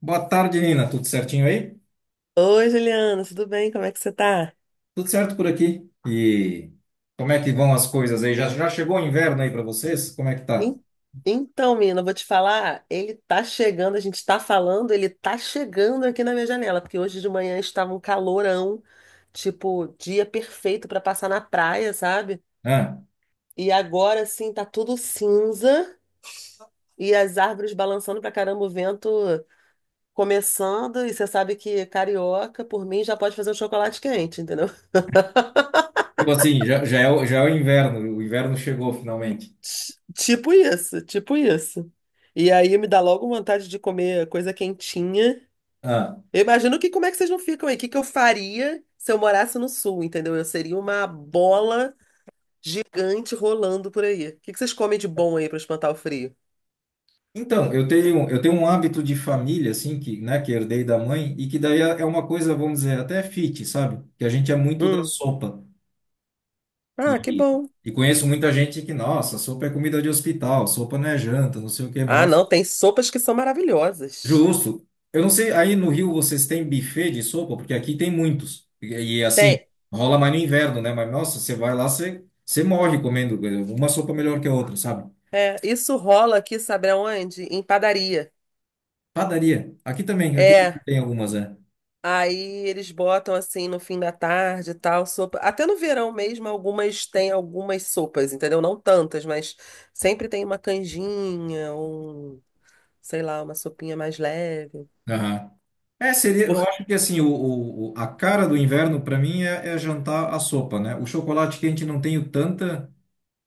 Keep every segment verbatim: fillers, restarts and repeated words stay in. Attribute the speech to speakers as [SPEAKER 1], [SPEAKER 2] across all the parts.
[SPEAKER 1] Boa tarde, Nina. Tudo certinho aí?
[SPEAKER 2] Oi, Juliana, tudo bem? Como é que você tá?
[SPEAKER 1] Tudo certo por aqui. E como é que vão as coisas aí? Já, já chegou o inverno aí para vocês? Como é que tá?
[SPEAKER 2] En- Então, menina, eu vou te falar, ele tá chegando, a gente tá falando, ele tá chegando aqui na minha janela, porque hoje de manhã estava um calorão, tipo, dia perfeito pra passar na praia, sabe?
[SPEAKER 1] Ah,
[SPEAKER 2] E agora sim, tá tudo cinza e as árvores balançando pra caramba, o vento começando, e você sabe que carioca, por mim, já pode fazer um chocolate quente, entendeu?
[SPEAKER 1] tipo assim, já, já é, o- já é o inverno. O inverno chegou finalmente.
[SPEAKER 2] Ti- Tipo isso, tipo isso. E aí me dá logo vontade de comer coisa quentinha.
[SPEAKER 1] Ah,
[SPEAKER 2] Eu imagino que como é que vocês não ficam aí? O que que eu faria se eu morasse no sul, entendeu? Eu seria uma bola gigante rolando por aí. O que que vocês comem de bom aí pra espantar o frio?
[SPEAKER 1] então, eu tenho, eu tenho um hábito de família, assim, que, né, que herdei da mãe e que daí é é uma coisa, vamos dizer, até fit, sabe? Que a gente é muito da
[SPEAKER 2] Hum.
[SPEAKER 1] sopa.
[SPEAKER 2] Ah, que
[SPEAKER 1] E,
[SPEAKER 2] bom.
[SPEAKER 1] e conheço muita gente que, nossa, sopa é comida de hospital, sopa não é janta, não sei o quê, mas
[SPEAKER 2] Ah,
[SPEAKER 1] nossa.
[SPEAKER 2] não, tem sopas que são maravilhosas.
[SPEAKER 1] Justo. Eu não sei, aí no Rio vocês têm buffet de sopa? Porque aqui tem muitos. E, e, assim,
[SPEAKER 2] Tem.
[SPEAKER 1] rola mais no inverno, né? Mas nossa, você vai lá, você, você morre comendo uma sopa melhor que a outra, sabe?
[SPEAKER 2] É, isso rola aqui, sabe aonde? Em padaria.
[SPEAKER 1] Padaria. Aqui também, aqui
[SPEAKER 2] É,
[SPEAKER 1] tem algumas, é.
[SPEAKER 2] aí eles botam assim no fim da tarde e tal, sopa. Até no verão mesmo, algumas têm algumas sopas, entendeu? Não tantas, mas sempre tem uma canjinha, um, sei lá, uma sopinha mais leve.
[SPEAKER 1] Aham. É, seria, eu
[SPEAKER 2] Por...
[SPEAKER 1] acho que assim, o, o- o- a cara do inverno para mim é, é jantar a sopa, né? O chocolate quente não tenho tanta,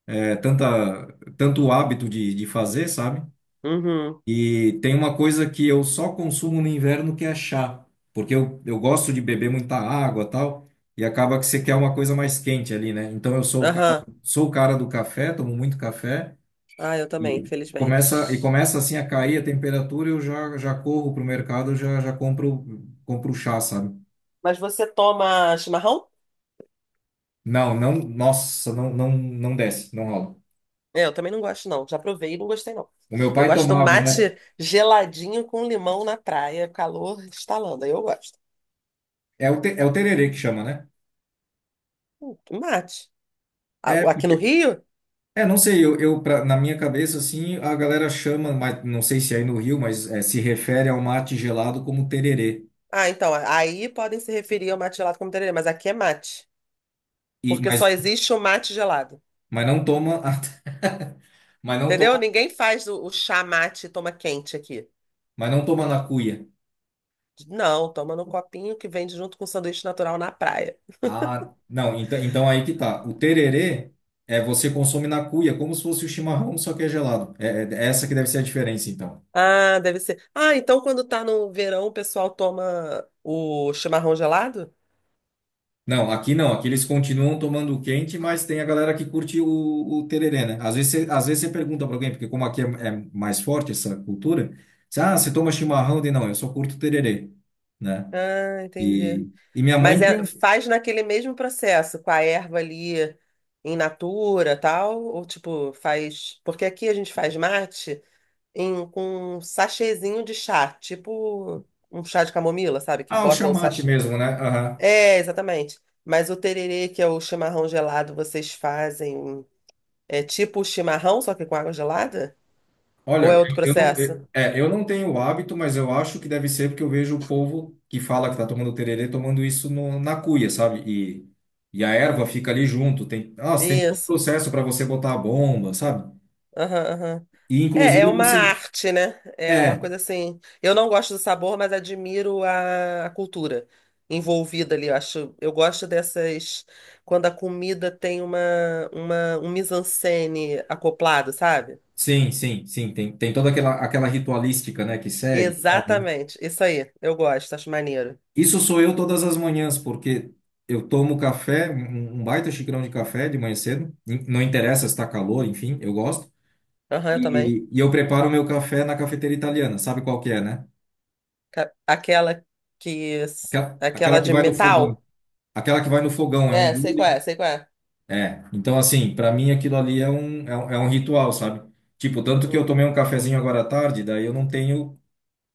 [SPEAKER 1] é, tanta, tanto hábito de, de fazer, sabe?
[SPEAKER 2] Uhum.
[SPEAKER 1] E tem uma coisa que eu só consumo no inverno que é chá, porque eu, eu gosto de beber muita água tal, e acaba que você quer uma coisa mais quente ali, né? Então eu sou o cara,
[SPEAKER 2] Aham.
[SPEAKER 1] sou o cara do café, tomo muito café
[SPEAKER 2] Ah, eu também,
[SPEAKER 1] e começa e
[SPEAKER 2] infelizmente.
[SPEAKER 1] começa assim a cair a temperatura, eu já já corro pro mercado, já já compro compro chá, sabe?
[SPEAKER 2] Mas você toma chimarrão?
[SPEAKER 1] Não, não, nossa, não não não desce, não rola.
[SPEAKER 2] É, eu também não gosto, não. Já provei e não gostei, não.
[SPEAKER 1] O meu
[SPEAKER 2] Eu
[SPEAKER 1] pai
[SPEAKER 2] gosto do
[SPEAKER 1] tomava, né?
[SPEAKER 2] mate geladinho com limão na praia, calor estalando. Aí eu gosto.
[SPEAKER 1] É o te, é o tererê que chama, né?
[SPEAKER 2] Hum, que mate.
[SPEAKER 1] é
[SPEAKER 2] A- Aqui no Rio?
[SPEAKER 1] É, não sei, eu, eu pra- na minha cabeça, assim, a galera chama, mas não sei se é aí no Rio, mas é, se refere ao mate gelado como tererê.
[SPEAKER 2] Ah, então, aí podem se referir ao mate gelado como tererê, mas aqui é mate,
[SPEAKER 1] E,
[SPEAKER 2] porque
[SPEAKER 1] mas,
[SPEAKER 2] só existe o mate gelado.
[SPEAKER 1] mas não toma, mas não
[SPEAKER 2] Entendeu?
[SPEAKER 1] toma,
[SPEAKER 2] Ninguém faz o, o chá mate e toma quente aqui.
[SPEAKER 1] mas não toma na cuia.
[SPEAKER 2] Não, toma no copinho que vende junto com um sanduíche natural na praia.
[SPEAKER 1] Ah, não, então, então aí que tá. O tererê é você consome na cuia, como se fosse o chimarrão, só que é gelado. É, é é essa que deve ser a diferença, então.
[SPEAKER 2] Ah, deve ser. Ah, então quando tá no verão o pessoal toma o chimarrão gelado?
[SPEAKER 1] Não, aqui não. Aqui eles continuam tomando o quente, mas tem a galera que curte o, o tereré, né? Às vezes, você- às vezes você pergunta pra alguém, porque como aqui é, é mais forte essa cultura, você, ah, você toma chimarrão? Eu digo, não, eu só curto tererê, né?
[SPEAKER 2] Ah, entendi.
[SPEAKER 1] E, e minha mãe
[SPEAKER 2] Mas
[SPEAKER 1] tinha
[SPEAKER 2] é-
[SPEAKER 1] um...
[SPEAKER 2] faz naquele mesmo processo, com a erva ali em natura, tal, ou tipo, faz, porque aqui a gente faz mate em, com um sachêzinho de chá, tipo um chá de camomila, sabe? Que
[SPEAKER 1] Ah, o
[SPEAKER 2] bota o
[SPEAKER 1] chamate
[SPEAKER 2] sachê.
[SPEAKER 1] mesmo, né? Aham.
[SPEAKER 2] É, exatamente. Mas o tererê, que é o chimarrão gelado, vocês fazem é tipo o chimarrão, só que com água gelada? Ou
[SPEAKER 1] Olha,
[SPEAKER 2] é outro
[SPEAKER 1] eu, eu não,
[SPEAKER 2] processo?
[SPEAKER 1] eu- é, eu não tenho o hábito, mas eu acho que deve ser porque eu vejo o povo que fala que tá tomando tererê tomando isso no- na cuia, sabe? E, e a erva fica ali junto. Tem, nossa, tem todo um
[SPEAKER 2] Isso.
[SPEAKER 1] processo para você botar a bomba, sabe?
[SPEAKER 2] Aham, aham.
[SPEAKER 1] E
[SPEAKER 2] É, é
[SPEAKER 1] inclusive
[SPEAKER 2] uma
[SPEAKER 1] você.
[SPEAKER 2] arte, né? É uma
[SPEAKER 1] É,
[SPEAKER 2] coisa assim. Eu não gosto do sabor, mas admiro a, a cultura envolvida ali. Eu acho, eu gosto dessas quando a comida tem uma, uma um mise-en-scène acoplado, sabe?
[SPEAKER 1] sim, sim, sim. Tem, tem toda aquela, aquela ritualística, né, que segue e tal, né?
[SPEAKER 2] Exatamente, isso aí. Eu gosto, acho maneiro.
[SPEAKER 1] Isso sou eu todas as manhãs, porque eu tomo café, um, um baita xicrão de café de manhã cedo. in- Não interessa se está calor, enfim, eu gosto.
[SPEAKER 2] Aham, eu também.
[SPEAKER 1] E, e eu preparo o meu café na cafeteira italiana, sabe qual que é, né?
[SPEAKER 2] Ca- Aquela que
[SPEAKER 1] Aquela, aquela
[SPEAKER 2] aquela
[SPEAKER 1] que
[SPEAKER 2] de
[SPEAKER 1] vai no fogão.
[SPEAKER 2] metal.
[SPEAKER 1] Aquela que vai no fogão, é um
[SPEAKER 2] É, sei qual é,
[SPEAKER 1] bullying.
[SPEAKER 2] sei qual é.
[SPEAKER 1] É. Então, assim, para mim aquilo ali é um, é um, é um ritual, sabe? Tipo, tanto que eu
[SPEAKER 2] Uhum.
[SPEAKER 1] tomei um cafezinho agora à tarde, daí eu não tenho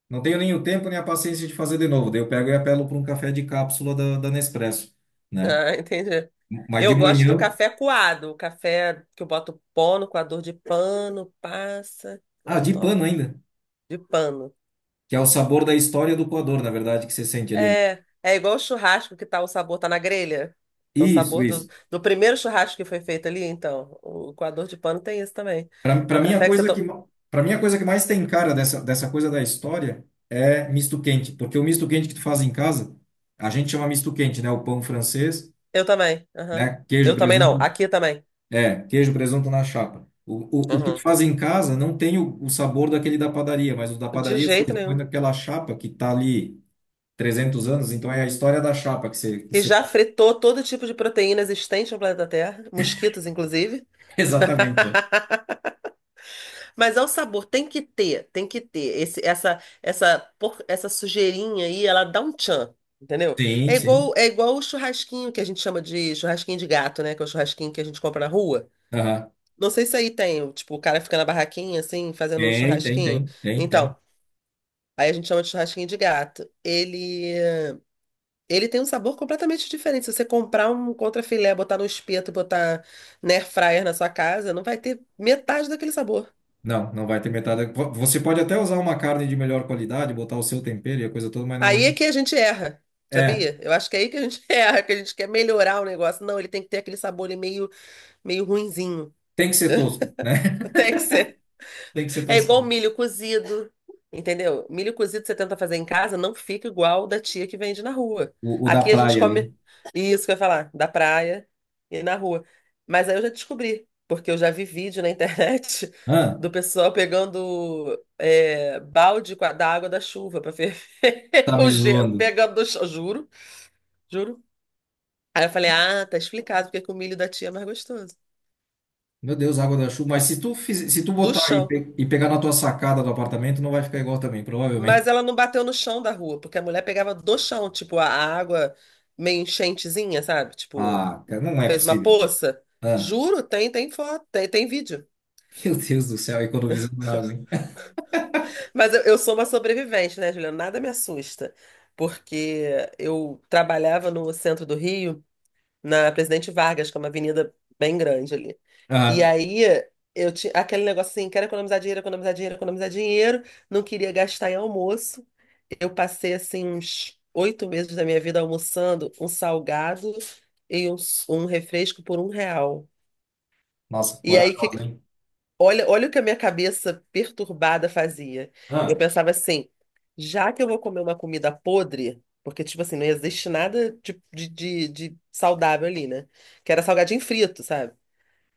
[SPEAKER 1] Não tenho nem o tempo nem a paciência de fazer de novo. Daí eu pego e apelo para um café de cápsula da, da Nespresso, né?
[SPEAKER 2] Ah, entendi.
[SPEAKER 1] Mas de
[SPEAKER 2] Eu gosto do
[SPEAKER 1] manhã,
[SPEAKER 2] café coado, o café que eu boto pó no coador de pano, passa, aí
[SPEAKER 1] ah,
[SPEAKER 2] eu
[SPEAKER 1] de
[SPEAKER 2] tomo
[SPEAKER 1] pano ainda,
[SPEAKER 2] de pano.
[SPEAKER 1] que é o sabor da história do coador, na verdade, que você sente ali.
[SPEAKER 2] É, é igual o churrasco que tá o sabor tá na grelha, que é o
[SPEAKER 1] Isso,
[SPEAKER 2] sabor do,
[SPEAKER 1] isso.
[SPEAKER 2] do primeiro churrasco que foi feito ali, então, o coador de pano tem isso também.
[SPEAKER 1] Para
[SPEAKER 2] É
[SPEAKER 1] para
[SPEAKER 2] o
[SPEAKER 1] mim a
[SPEAKER 2] café que você
[SPEAKER 1] coisa que
[SPEAKER 2] toma.
[SPEAKER 1] para mim a coisa que mais tem cara dessa dessa coisa da história é misto quente, porque o misto quente que tu faz em casa, a gente chama misto quente, né? O pão francês,
[SPEAKER 2] Eu também. Aham.
[SPEAKER 1] né? Queijo,
[SPEAKER 2] Eu também não,
[SPEAKER 1] presunto,
[SPEAKER 2] aqui também.
[SPEAKER 1] é, queijo, presunto na chapa. O, o, o que tu
[SPEAKER 2] Aham.
[SPEAKER 1] faz em casa não tem o, o sabor daquele da padaria, mas o da
[SPEAKER 2] De
[SPEAKER 1] padaria, assim,
[SPEAKER 2] jeito
[SPEAKER 1] eles põem
[SPEAKER 2] nenhum.
[SPEAKER 1] naquela chapa que tá ali trezentos anos, então é a história da chapa que você, que
[SPEAKER 2] E
[SPEAKER 1] você...
[SPEAKER 2] já fritou todo tipo de proteína existente no planeta Terra, mosquitos inclusive.
[SPEAKER 1] Exatamente. É.
[SPEAKER 2] Mas ao sabor, tem que ter, tem que ter. Esse, essa, essa, por- essa sujeirinha aí, ela dá um tchan, entendeu?
[SPEAKER 1] Sim,
[SPEAKER 2] É
[SPEAKER 1] sim.
[SPEAKER 2] igual, é igual o churrasquinho que a gente chama de churrasquinho de gato, né? Que é o churrasquinho que a gente compra na rua.
[SPEAKER 1] Aham.
[SPEAKER 2] Não sei se aí tem, tipo, o cara fica na barraquinha, assim, fazendo um
[SPEAKER 1] Tem, tem,
[SPEAKER 2] churrasquinho.
[SPEAKER 1] tem, tem,
[SPEAKER 2] Então,
[SPEAKER 1] tem.
[SPEAKER 2] aí a gente chama de churrasquinho de gato. Ele, ele tem um sabor completamente diferente. Se você comprar um contrafilé, botar no espeto, botar na air fryer na sua casa, não vai ter metade daquele sabor.
[SPEAKER 1] Não, não vai ter metade. Vo- Você pode até usar uma carne de melhor qualidade, botar o seu tempero e a coisa toda, mas não é.
[SPEAKER 2] Aí é que a gente erra,
[SPEAKER 1] É,
[SPEAKER 2] sabia? Eu acho que é aí que a gente erra, que a gente quer melhorar o negócio. Não, ele tem que ter aquele sabor ali meio, meio ruinzinho.
[SPEAKER 1] tem que ser tosco, né?
[SPEAKER 2] Tem que ser.
[SPEAKER 1] Tem que ser
[SPEAKER 2] É igual
[SPEAKER 1] tosco.
[SPEAKER 2] milho cozido, entendeu? Milho cozido você tenta fazer em casa, não fica igual da tia que vende na rua.
[SPEAKER 1] O, o da
[SPEAKER 2] Aqui a gente
[SPEAKER 1] praia
[SPEAKER 2] come
[SPEAKER 1] ali.
[SPEAKER 2] isso que eu ia falar, da praia e na rua. Mas aí eu já descobri, porque eu já vi vídeo na internet
[SPEAKER 1] Ah,
[SPEAKER 2] do pessoal pegando é, balde com a- da água da chuva para ferver
[SPEAKER 1] tá
[SPEAKER 2] o
[SPEAKER 1] me
[SPEAKER 2] gelo,
[SPEAKER 1] zoando.
[SPEAKER 2] pegando do chão, juro. Juro. Aí eu falei, ah, tá explicado porque que o milho da tia é mais gostoso.
[SPEAKER 1] Meu Deus, água da chuva. Mas se tu, fiz- se tu
[SPEAKER 2] Do
[SPEAKER 1] botar e,
[SPEAKER 2] chão.
[SPEAKER 1] pe- e pegar na tua sacada do apartamento, não vai ficar igual também,
[SPEAKER 2] Mas
[SPEAKER 1] provavelmente.
[SPEAKER 2] ela não bateu no chão da rua, porque a mulher pegava do chão, tipo, a água meio enchentezinha, sabe? Tipo,
[SPEAKER 1] Ah, cara, não é
[SPEAKER 2] fez uma
[SPEAKER 1] possível.
[SPEAKER 2] poça.
[SPEAKER 1] Ah,
[SPEAKER 2] Juro, tem, tem, foto, tem, tem vídeo.
[SPEAKER 1] meu Deus do céu, economizando na água, hein?
[SPEAKER 2] Mas eu, eu sou uma sobrevivente, né, Juliana? Nada me assusta. Porque eu trabalhava no centro do Rio. Na Presidente Vargas, que é uma avenida bem grande ali. E
[SPEAKER 1] Ah,
[SPEAKER 2] aí eu tinha aquele negócio assim, quero economizar dinheiro, economizar dinheiro, economizar dinheiro, não queria gastar em almoço. Eu passei assim uns oito meses da minha vida almoçando um salgado e um, s- um refresco por um real.
[SPEAKER 1] nossa,
[SPEAKER 2] E aí que
[SPEAKER 1] corajosa, hein?
[SPEAKER 2] Olha, olha o que a minha cabeça perturbada fazia. Eu
[SPEAKER 1] Ah,
[SPEAKER 2] pensava assim, já que eu vou comer uma comida podre, porque, tipo assim, não existe nada de, de, de, de saudável ali, né? Que era salgadinho frito, sabe?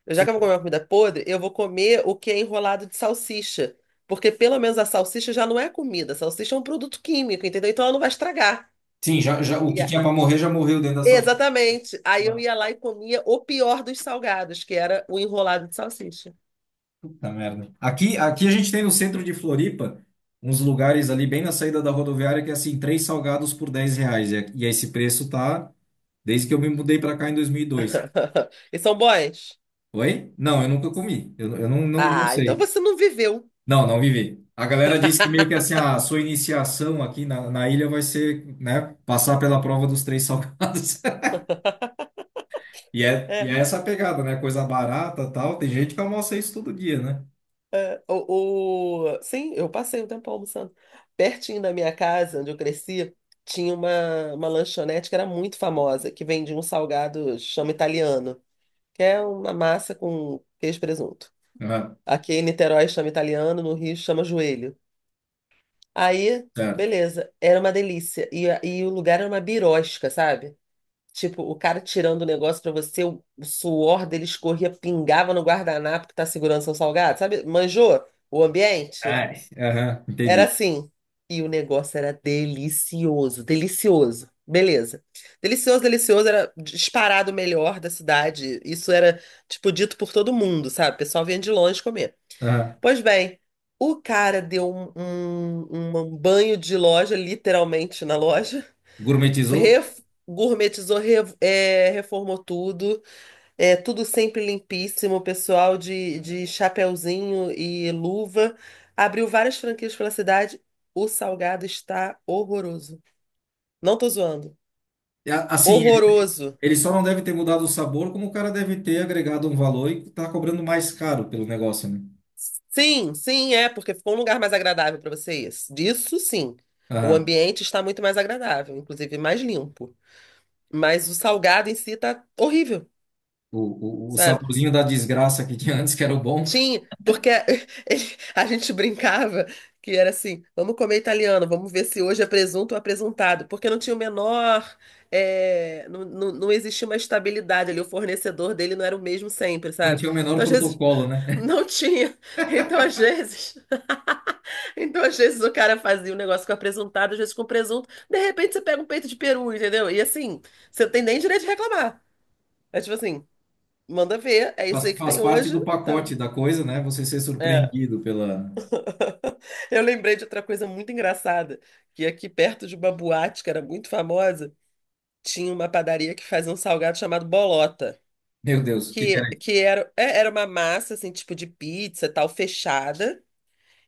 [SPEAKER 2] Eu, já que eu vou
[SPEAKER 1] sim,
[SPEAKER 2] comer uma comida podre, eu vou comer o que é enrolado de salsicha. Porque pelo menos a salsicha já não é comida, a salsicha é um produto químico, entendeu? Então ela não vai estragar.
[SPEAKER 1] sim, já, já, o
[SPEAKER 2] E
[SPEAKER 1] que
[SPEAKER 2] a-
[SPEAKER 1] tinha para morrer já morreu dentro da sala.
[SPEAKER 2] Exatamente. Aí eu
[SPEAKER 1] Ah,
[SPEAKER 2] ia lá e comia o pior dos salgados, que era o enrolado de salsicha.
[SPEAKER 1] puta merda. Aqui, aqui a gente tem no centro de Floripa uns lugares ali bem na saída da rodoviária que é assim, três salgados por dez reais. E, e esse preço tá desde que eu me mudei para cá em dois mil e dois.
[SPEAKER 2] E são bons.
[SPEAKER 1] Oi? Não, eu nunca comi. Eu, eu não, não, não
[SPEAKER 2] Ah, então
[SPEAKER 1] sei.
[SPEAKER 2] você não viveu.
[SPEAKER 1] Não, não vivi. A galera disse que meio que assim, a sua iniciação aqui na, na ilha vai ser, né, passar pela prova dos três salgados. E é, e
[SPEAKER 2] É,
[SPEAKER 1] é essa a pegada, né? Coisa barata, tal. Tem gente que almoça isso todo dia, né?
[SPEAKER 2] é, o, o- sim, eu passei um tempo almoçando. Pertinho da minha casa, onde eu cresci, tinha uma, uma lanchonete que era muito famosa, que vendia um salgado chama italiano, que é uma massa com queijo e presunto.
[SPEAKER 1] Aham,
[SPEAKER 2] Aqui em Niterói chama italiano, no Rio chama joelho. Aí,
[SPEAKER 1] certo.
[SPEAKER 2] beleza, era uma delícia. E, a- e o lugar era uma birosca, sabe? Tipo, o cara tirando o negócio pra você, o o suor dele escorria, pingava no guardanapo que tá segurando seu salgado, sabe? Manjou o ambiente?
[SPEAKER 1] Ai, aham,
[SPEAKER 2] Era
[SPEAKER 1] entendi.
[SPEAKER 2] assim. E o negócio era delicioso, delicioso. Beleza. Delicioso, delicioso, era disparado o melhor da cidade. Isso era, tipo, dito por todo mundo, sabe? O pessoal vinha de longe comer.
[SPEAKER 1] Aham.
[SPEAKER 2] Pois bem, o cara deu um, um um banho de loja, literalmente na loja.
[SPEAKER 1] Gourmetizou?
[SPEAKER 2] Ref- Gourmetizou, re- é, reformou tudo, é, tudo sempre limpíssimo, pessoal de, de chapeuzinho e luva. Abriu várias franquias pela cidade. O salgado está horroroso. Não tô zoando.
[SPEAKER 1] É, assim, ele,
[SPEAKER 2] Horroroso.
[SPEAKER 1] ele só não deve ter mudado o sabor, como o cara deve ter agregado um valor e tá cobrando mais caro pelo negócio, né?
[SPEAKER 2] Sim, sim, é, porque ficou um lugar mais agradável para vocês. Disso sim. O
[SPEAKER 1] Aham.
[SPEAKER 2] ambiente está muito mais agradável, inclusive mais limpo. Mas o salgado em si tá horrível,
[SPEAKER 1] O, o, o
[SPEAKER 2] sabe?
[SPEAKER 1] saborzinho da desgraça que tinha antes, que era o bom.
[SPEAKER 2] Tinha, porque ele- a gente brincava que era assim, vamos comer italiano, vamos ver se hoje é presunto ou apresuntado, porque não tinha o menor, eh, não, não, não existia uma estabilidade ali, o fornecedor dele não era o mesmo sempre,
[SPEAKER 1] Não
[SPEAKER 2] sabe?
[SPEAKER 1] tinha o menor
[SPEAKER 2] Então, às vezes,
[SPEAKER 1] protocolo, né?
[SPEAKER 2] não tinha, então, às vezes, então, às vezes o cara fazia um negócio com apresuntado, às vezes com presunto, de repente você pega um peito de peru, entendeu? E assim, você não tem nem direito de reclamar, é tipo assim, manda ver, é
[SPEAKER 1] Faz,
[SPEAKER 2] isso aí que
[SPEAKER 1] faz
[SPEAKER 2] tem
[SPEAKER 1] parte
[SPEAKER 2] hoje,
[SPEAKER 1] do
[SPEAKER 2] tal.
[SPEAKER 1] pacote da coisa, né? Você ser
[SPEAKER 2] É.
[SPEAKER 1] surpreendido pela.
[SPEAKER 2] Eu lembrei de outra coisa muito engraçada, que aqui perto de uma boate que era muito famosa, tinha uma padaria que fazia um salgado chamado bolota,
[SPEAKER 1] Meu Deus, o que que
[SPEAKER 2] que,
[SPEAKER 1] era isso?
[SPEAKER 2] que era, é, era uma massa, assim, tipo de pizza, tal, fechada,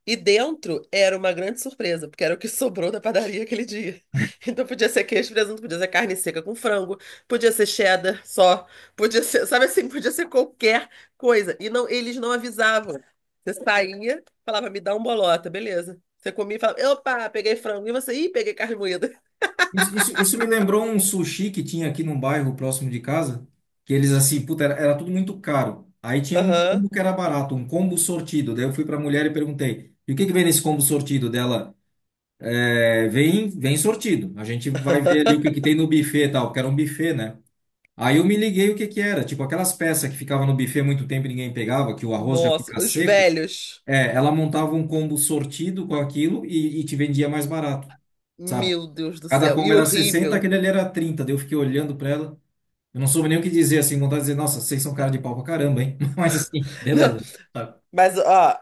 [SPEAKER 2] e dentro era uma grande surpresa, porque era o que sobrou da padaria aquele dia. Então podia ser queijo, e presunto, podia ser carne seca com frango, podia ser cheddar só, podia ser, sabe assim, podia ser qualquer coisa. E não, eles não avisavam. Você saía, falava, me dá um bolota, beleza. Você comia e falava, opa, peguei frango. E você, ih, peguei carne moída.
[SPEAKER 1] Isso, isso, isso me lembrou um sushi que tinha aqui num bairro próximo de casa, que eles assim, puta, era, era tudo muito caro. Aí tinha um
[SPEAKER 2] Aham.
[SPEAKER 1] combo que era barato, um combo sortido. Daí eu fui pra mulher e perguntei: e o que que vem nesse combo sortido dela? É, vem, vem sortido. A gente vai ver ali o que que tem no buffet e tal, porque era um buffet, né? Aí eu me liguei o que que era, tipo aquelas peças que ficavam no buffet muito tempo e ninguém pegava, que o arroz já
[SPEAKER 2] Nossa,
[SPEAKER 1] fica
[SPEAKER 2] os
[SPEAKER 1] seco.
[SPEAKER 2] velhos.
[SPEAKER 1] É, ela montava um combo sortido com aquilo e, e te vendia mais barato, sabe?
[SPEAKER 2] Meu Deus do
[SPEAKER 1] Cada
[SPEAKER 2] céu.
[SPEAKER 1] combo
[SPEAKER 2] E
[SPEAKER 1] era sessenta,
[SPEAKER 2] horrível.
[SPEAKER 1] aquele ali era trinta. Daí eu fiquei olhando pra ela. Eu não soube nem o que dizer, assim, vontade de dizer, nossa, vocês são cara de pau pra caramba, hein? Mas assim,
[SPEAKER 2] Não,
[SPEAKER 1] beleza. Sabe?
[SPEAKER 2] mas ó,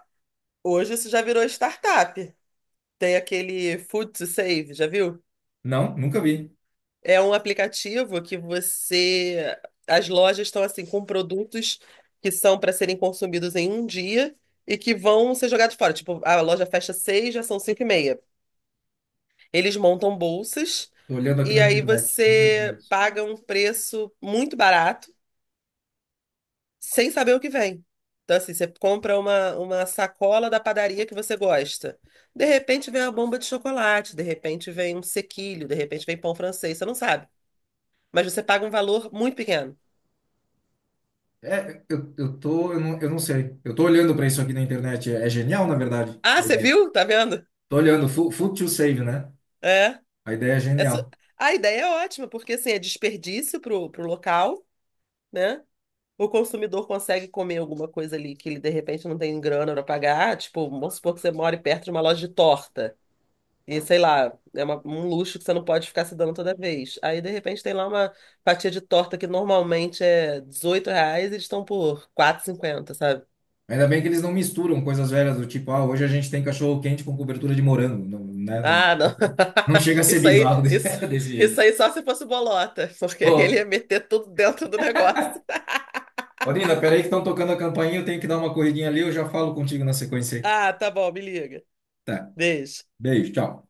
[SPEAKER 2] hoje isso já virou startup. Tem aquele Food to Save, já viu?
[SPEAKER 1] Não, nunca vi.
[SPEAKER 2] É um aplicativo que você. As lojas estão assim com produtos que são para serem consumidos em um dia e que vão ser jogados fora. Tipo, a loja fecha seis, já são cinco e meia. Eles montam bolsas
[SPEAKER 1] Tô olhando aqui
[SPEAKER 2] e
[SPEAKER 1] na
[SPEAKER 2] aí
[SPEAKER 1] internet. Meu
[SPEAKER 2] você
[SPEAKER 1] Deus.
[SPEAKER 2] paga um preço muito barato sem saber o que vem. Então, assim, você compra uma, uma sacola da padaria que você gosta. De repente vem uma bomba de chocolate, de repente vem um sequilho, de repente vem pão francês, você não sabe. Mas você paga um valor muito pequeno.
[SPEAKER 1] É, eu, eu tô, eu não, eu não sei. Eu tô olhando pra isso aqui na internet. É, é genial, na verdade,
[SPEAKER 2] Ah,
[SPEAKER 1] a
[SPEAKER 2] você
[SPEAKER 1] ideia.
[SPEAKER 2] viu? Tá vendo?
[SPEAKER 1] Tô olhando, Food Food to Save, né?
[SPEAKER 2] É.
[SPEAKER 1] A ideia é
[SPEAKER 2] Essa...
[SPEAKER 1] genial.
[SPEAKER 2] A ideia é ótima, porque assim, é desperdício pro, pro local, né? O consumidor consegue comer alguma coisa ali que ele de repente não tem grana para pagar. Tipo, vamos supor que você mora perto de uma loja de torta. E sei lá, é uma- um luxo que você não pode ficar se dando toda vez. Aí de repente tem lá uma fatia de torta que normalmente é R$ reais e eles estão por quatro R$ quatro e cinquenta.
[SPEAKER 1] Ainda bem que eles não misturam coisas velhas do tipo, ah, hoje a gente tem cachorro quente com cobertura de morango. Não, né? Não,
[SPEAKER 2] Ah, não.
[SPEAKER 1] não chega a ser
[SPEAKER 2] Isso aí,
[SPEAKER 1] bizarro desse,
[SPEAKER 2] isso,
[SPEAKER 1] desse
[SPEAKER 2] isso
[SPEAKER 1] jeito.
[SPEAKER 2] aí só se fosse bolota, porque ele
[SPEAKER 1] Bom,
[SPEAKER 2] ia meter tudo dentro do negócio.
[SPEAKER 1] Orina, peraí que estão tocando a campainha, eu tenho que dar uma corridinha ali, eu já falo contigo na sequência aí.
[SPEAKER 2] Ah, tá bom, me liga.
[SPEAKER 1] Tá,
[SPEAKER 2] Beijo.
[SPEAKER 1] beijo, tchau.